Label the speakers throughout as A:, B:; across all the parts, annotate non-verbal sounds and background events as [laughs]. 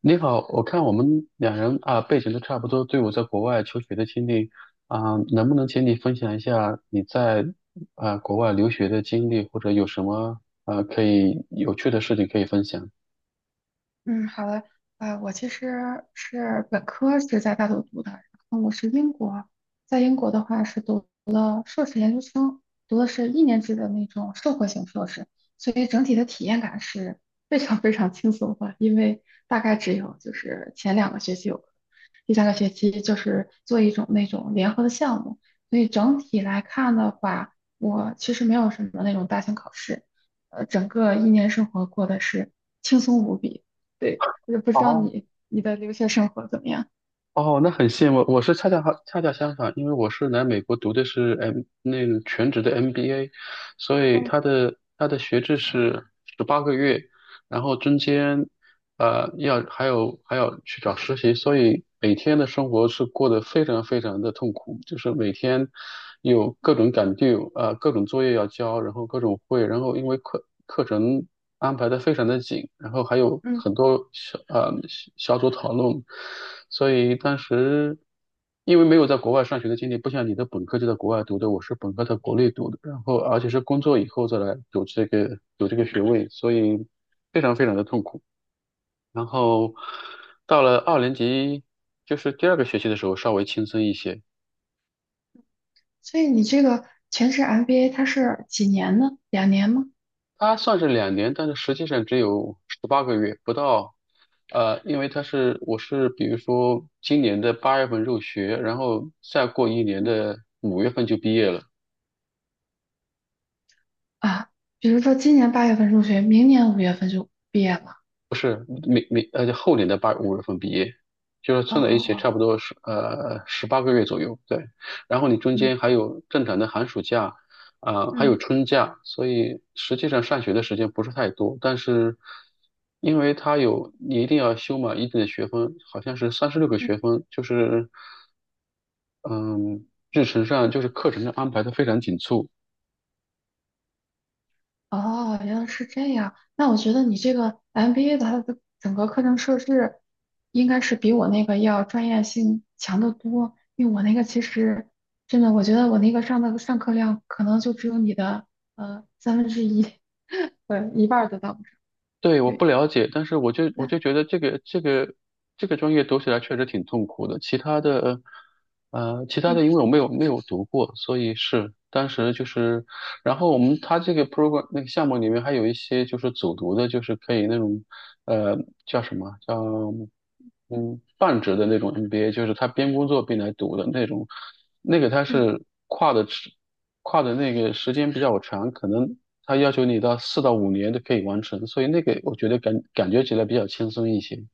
A: 你好，我看我们两人啊背景都差不多，都有在国外求学的经历啊，能不能请你分享一下你在啊国外留学的经历，或者有什么啊可以有趣的事情可以分享？
B: 嗯，好的，我其实是本科是在大陆读的，然后我是英国，在英国的话是读的硕士研究生，读的是一年制的那种社会型硕士，所以整体的体验感是非常非常轻松的，因为大概只有就是前两个学期有第三个学期就是做一种那种联合的项目，所以整体来看的话，我其实没有什么那种大型考试，整个一年生活过得是轻松无比。对，我就不知道
A: 哦，
B: 你的留学生活怎么样？
A: 哦，那很羡慕。我是恰恰相反，因为我是来美国读的是 那个全职的 MBA，所以
B: 嗯
A: 他的学制是十八个月，然后中间呃要还有还要去找实习，所以每天的生活是过得非常非常的痛苦，就是每天有各种赶 due，各种作业要交，然后各种会，然后因为课程安排的非常的紧，然后还有
B: 嗯，
A: 很多小组讨论，所以当时因为没有在国外上学的经历，不像你的本科就在国外读的，我是本科在国内读的，然后而且是工作以后再来读这个有这个学位，所以非常非常的痛苦。然后到了二年级，就是第二个学期的时候稍微轻松一些，
B: 所以你这个全职 MBA 它是几年呢？两年吗？
A: 它算是2年，但是实际上只有十八个月不到。因为我是比如说今年的8月份入学，然后再过一年
B: 嗯，
A: 的五月份就毕业了。
B: 啊，比如说今年八月份入学，明年五月份就毕业了。
A: 不是明明呃，就后年的八五月份毕业，就是
B: 哦
A: 凑在一
B: 哦
A: 起差
B: 哦，
A: 不多是十八个月左右，对。然后你中
B: 嗯。
A: 间还有正常的寒暑假，啊、还有
B: 嗯
A: 春假，所以实际上上学的时间不是太多。但是因为它有你一定要修满一定的学分，好像是三十六个
B: 嗯。
A: 学分，就是嗯，日程上就是课程上安排的非常紧凑。
B: 哦，原来是这样。那我觉得你这个 MBA 的它的整个课程设置，应该是比我那个要专业性强得多。因为我那个其实真的，我觉得我那个上的上课量可能就只有你的三分之一，[laughs] 对，一半儿都到不上
A: 对，我不
B: 对，
A: 了解，但是我就我
B: 那
A: 就觉得这个专业读起来确实挺痛苦的。其他的，呃，其他
B: 嗯
A: 的因为我没有读过，所以是当时就是，然后他这个 program 那个项目里面还有一些就是组读的，就是可以那种，呃，叫什么叫？嗯，半职的那种 MBA，就是他边工作边来读的那种，那个他
B: 嗯
A: 是跨的那个时间比较长，可能他要求你到4到5年都可以完成，所以那个我觉得感觉起来比较轻松一些。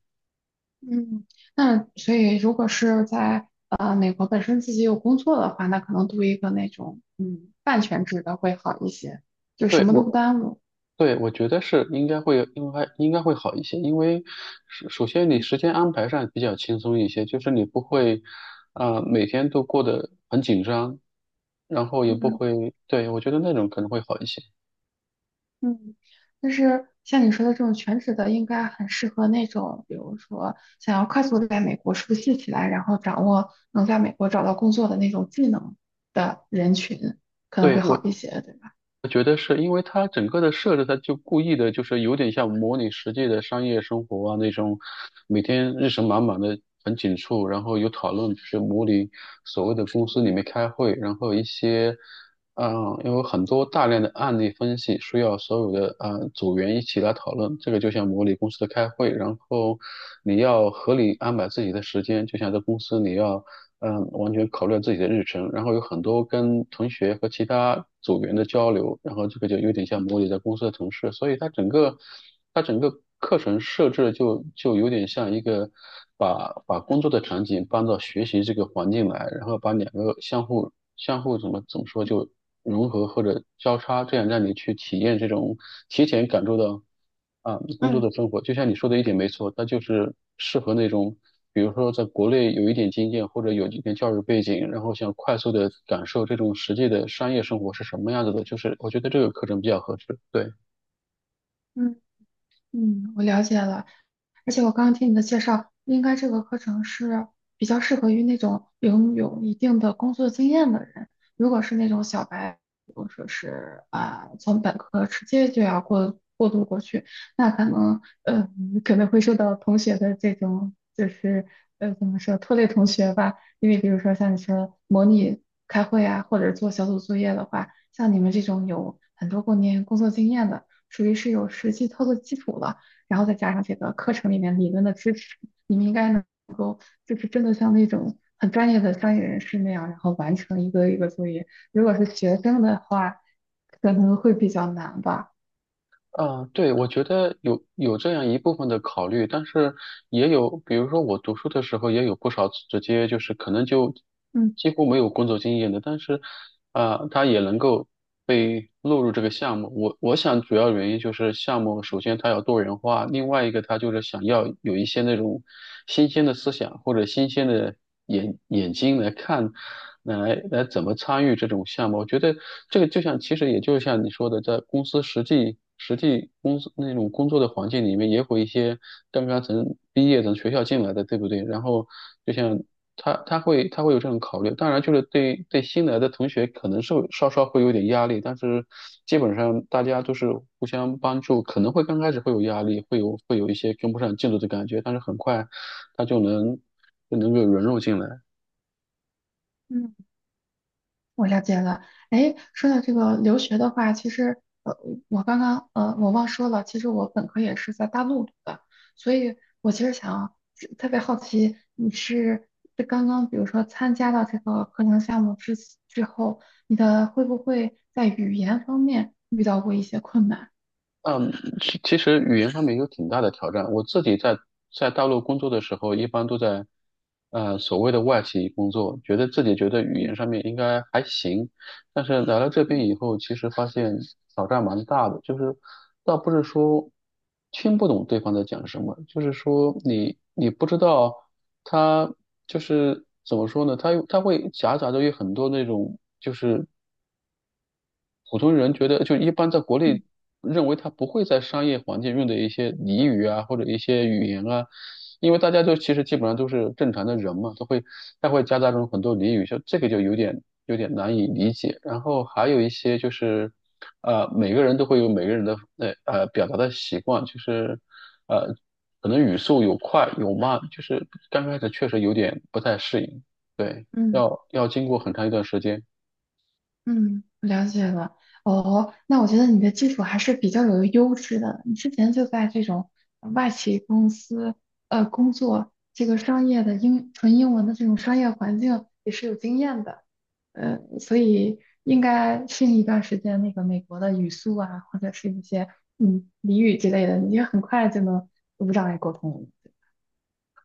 B: 嗯，那所以如果是在美国本身自己有工作的话，那可能读一个那种嗯半全职的会好一些，就什
A: 对
B: 么都不
A: 我，
B: 耽误。
A: 对我觉得是应该会，应该会好一些，因为首先你
B: 嗯
A: 时间安排上比较轻松一些，就是你不会每天都过得很紧张，然后也不
B: 嗯。
A: 会，对，我觉得那种可能会好一些。
B: 嗯，就是像你说的这种全职的，应该很适合那种，比如说想要快速地在美国熟悉起来，然后掌握能在美国找到工作的那种技能的人群，可能
A: 对，
B: 会好一些，对吧？
A: 我觉得是因为它整个的设置，它就故意的，就是有点像模拟实际的商业生活啊那种，每天日程满满的，很紧促，然后有讨论，就是模拟所谓的公司里面开会，然后一些，嗯、因为有很多大量的案例分析需要所有的组员一起来讨论，这个就像模拟公司的开会，然后你要合理安排自己的时间，就像在公司你要。完全考虑了自己的日程，然后有很多跟同学和其他组员的交流，然后这个就有点像模拟在公司的同事，所以它整个课程设置的就有点像一个把工作的场景搬到学习这个环境来，然后把两个相互怎么说就融合或者交叉，这样让你去体验这种提前感受到。啊，工作
B: 嗯。
A: 的生活，就像你说的一点没错，它就是适合那种，比如说在国内有一点经验或者有一点教育背景，然后想快速的感受这种实际的商业生活是什么样子的，就是我觉得这个课程比较合适。对。
B: 嗯。嗯，我了解了，而且我刚刚听你的介绍，应该这个课程是比较适合于那种拥有一定的工作经验的人。如果是那种小白，比如说是啊，从本科直接就要过过渡过去，那可能可能会受到同学的这种就是怎么说拖累同学吧，因为比如说像你说模拟开会啊，或者做小组作业的话，像你们这种有很多过年工作经验的。属于是有实际操作基础了，然后再加上这个课程里面理论的支持，你们应该能够就是真的像那种很专业的专业人士那样，然后完成一个作业。如果是学生的话，可能会比较难吧。
A: 啊，对，我觉得有这样一部分的考虑，但是也有，比如说我读书的时候也有不少直接就是可能就
B: 嗯。
A: 几乎没有工作经验的，但是他也能够被录入这个项目。我想主要原因就是项目首先它要多元化，另外一个它就是想要有一些那种新鲜的思想或者新鲜的。眼眼睛来看，来怎么参与这种项目。我觉得这个就像，其实也就像你说的，在公司实际公司那种工作的环境里面，也会一些刚刚从毕业从学校进来的，对不对？然后就像他他会他会有这种考虑，当然就是对新来的同学可能是稍稍会有点压力，但是基本上大家都是互相帮助，可能会刚开始会有压力，会有一些跟不上进度的感觉，但是很快他就能够融入进来。
B: 嗯。我了解了，哎，说到这个留学的话，其实,我刚刚我忘说了，其实我本科也是在大陆读的，所以我其实想特别好奇，你是这刚刚比如说参加到这个课程项目之后，你的会不会在语言方面遇到过一些困难？
A: 嗯，其实语言上面有挺大的挑战。我自己在大陆工作的时候，一般都在所谓的外企工作，觉得自己觉得语言
B: 嗯
A: 上面应该还行，但是来了这
B: 嗯
A: 边以后，其实发现挑战蛮大的，就是倒不是说听不懂对方在讲什么，就是说你不知道他就是怎么说呢？他会夹杂着有很多那种普通人觉得，就一般在国内
B: 嗯
A: 认为他不会在商业环境用的一些俚语啊，或者一些语言啊，因为大家就其实基本上都是正常的人嘛，都会他会夹杂中很多俚语，就这个就有点难以理解。然后还有一些就是，每个人都会有每个人的表达的习惯，就是呃可能语速有快有慢，就是刚开始确实有点不太适应，对，
B: 嗯
A: 要经过很长一段时间。
B: 嗯，了解了。哦，那我觉得你的技术还是比较有优势的。你之前就在这种外企公司工作，这个商业的英纯英文的这种商业环境也是有经验的。所以应该适应一段时间那个美国的语速啊，或者是一些嗯俚语之类的，你就很快就能无障碍沟通了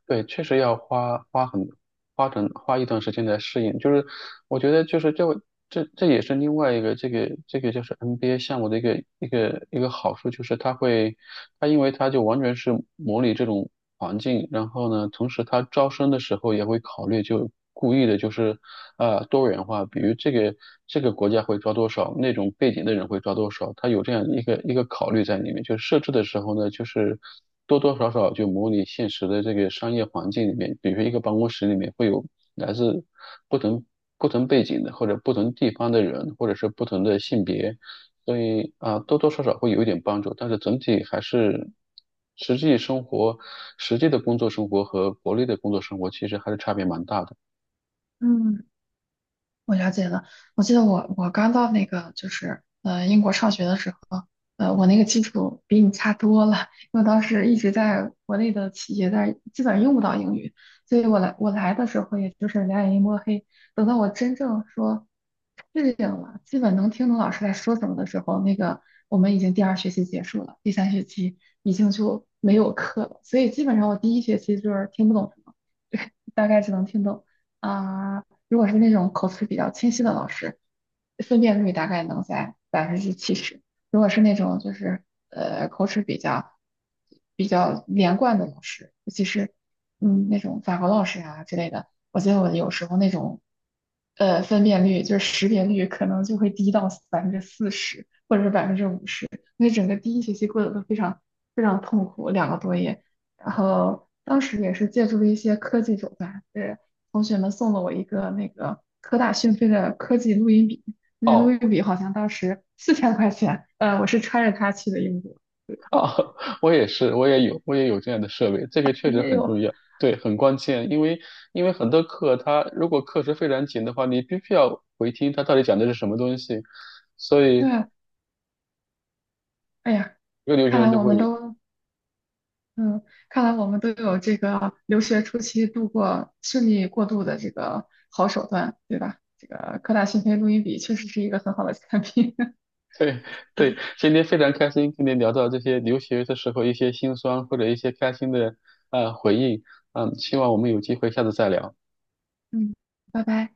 A: 对，确实要花花很花整花一段时间来适应。就是我觉得就是这也是另外一个这个就是 NBA 项目的一个好处，就是它会它因为它就完全是模拟这种环境，然后呢，同时它招生的时候也会考虑，就故意的就是多元化，比如这个国家会招多少，那种背景的人会招多少，它有这样一个考虑在里面。就设置的时候呢，就是多多少少就模拟现实的这个商业环境里面，比如说一个办公室里面会有来自不同。不同背景的，或者不同地方的人，或者是不同的性别，所以啊，多多少少会有一点帮助，但是整体还是实际生活、实际的工作生活和国内的工作生活其实还是差别蛮大的。
B: 嗯，我了解了，我记得我刚到那个就是英国上学的时候，我那个基础比你差多了，因为当时一直在国内的企业在基本上用不到英语，所以我来的时候也就是两眼一摸黑。等到我真正说适应了，基本能听懂老师在说什么的时候，那个我们已经第二学期结束了，第三学期已经就没有课了，所以基本上我第一学期就是听不懂什么，[laughs] 大概只能听懂啊。如果是那种口齿比较清晰的老师，分辨率大概能在70%；如果是那种就是口齿比较连贯的老师，尤其是嗯那种法国老师啊之类的，我觉得我有时候那种分辨率就是识别率可能就会低到40%或者是50%，那整个第一学期过得都非常非常痛苦，两个多月。然后当时也是借助了一些科技手段，同学们送了我一个那个科大讯飞的科技录音笔，那录
A: 哦，
B: 音笔好像当时 [laughs] 4000块钱，我是揣着它去的英国。对，
A: 哦，[laughs] 我也是，我也有这样的设备，这个确
B: 你
A: 实
B: 也
A: 很
B: 有，
A: 重要，对，很关键，因为很多课它如果课时非常紧的话，你必须要回听它到底讲的是什么东西，所以。
B: 对，哎呀，
A: 一个留学
B: 看
A: 生
B: 来
A: 都
B: 我
A: 会
B: 们
A: 有。
B: 都，嗯，看来我们都有这个留学初期度过顺利过渡的这个好手段，对吧？这个科大讯飞录音笔确实是一个很好的产品。
A: [laughs] 对
B: [laughs]
A: 对，
B: 嗯。
A: 今天非常开心跟您聊到这些留学的时候一些心酸或者一些开心的回忆，希望我们有机会下次再聊。
B: 嗯，拜拜。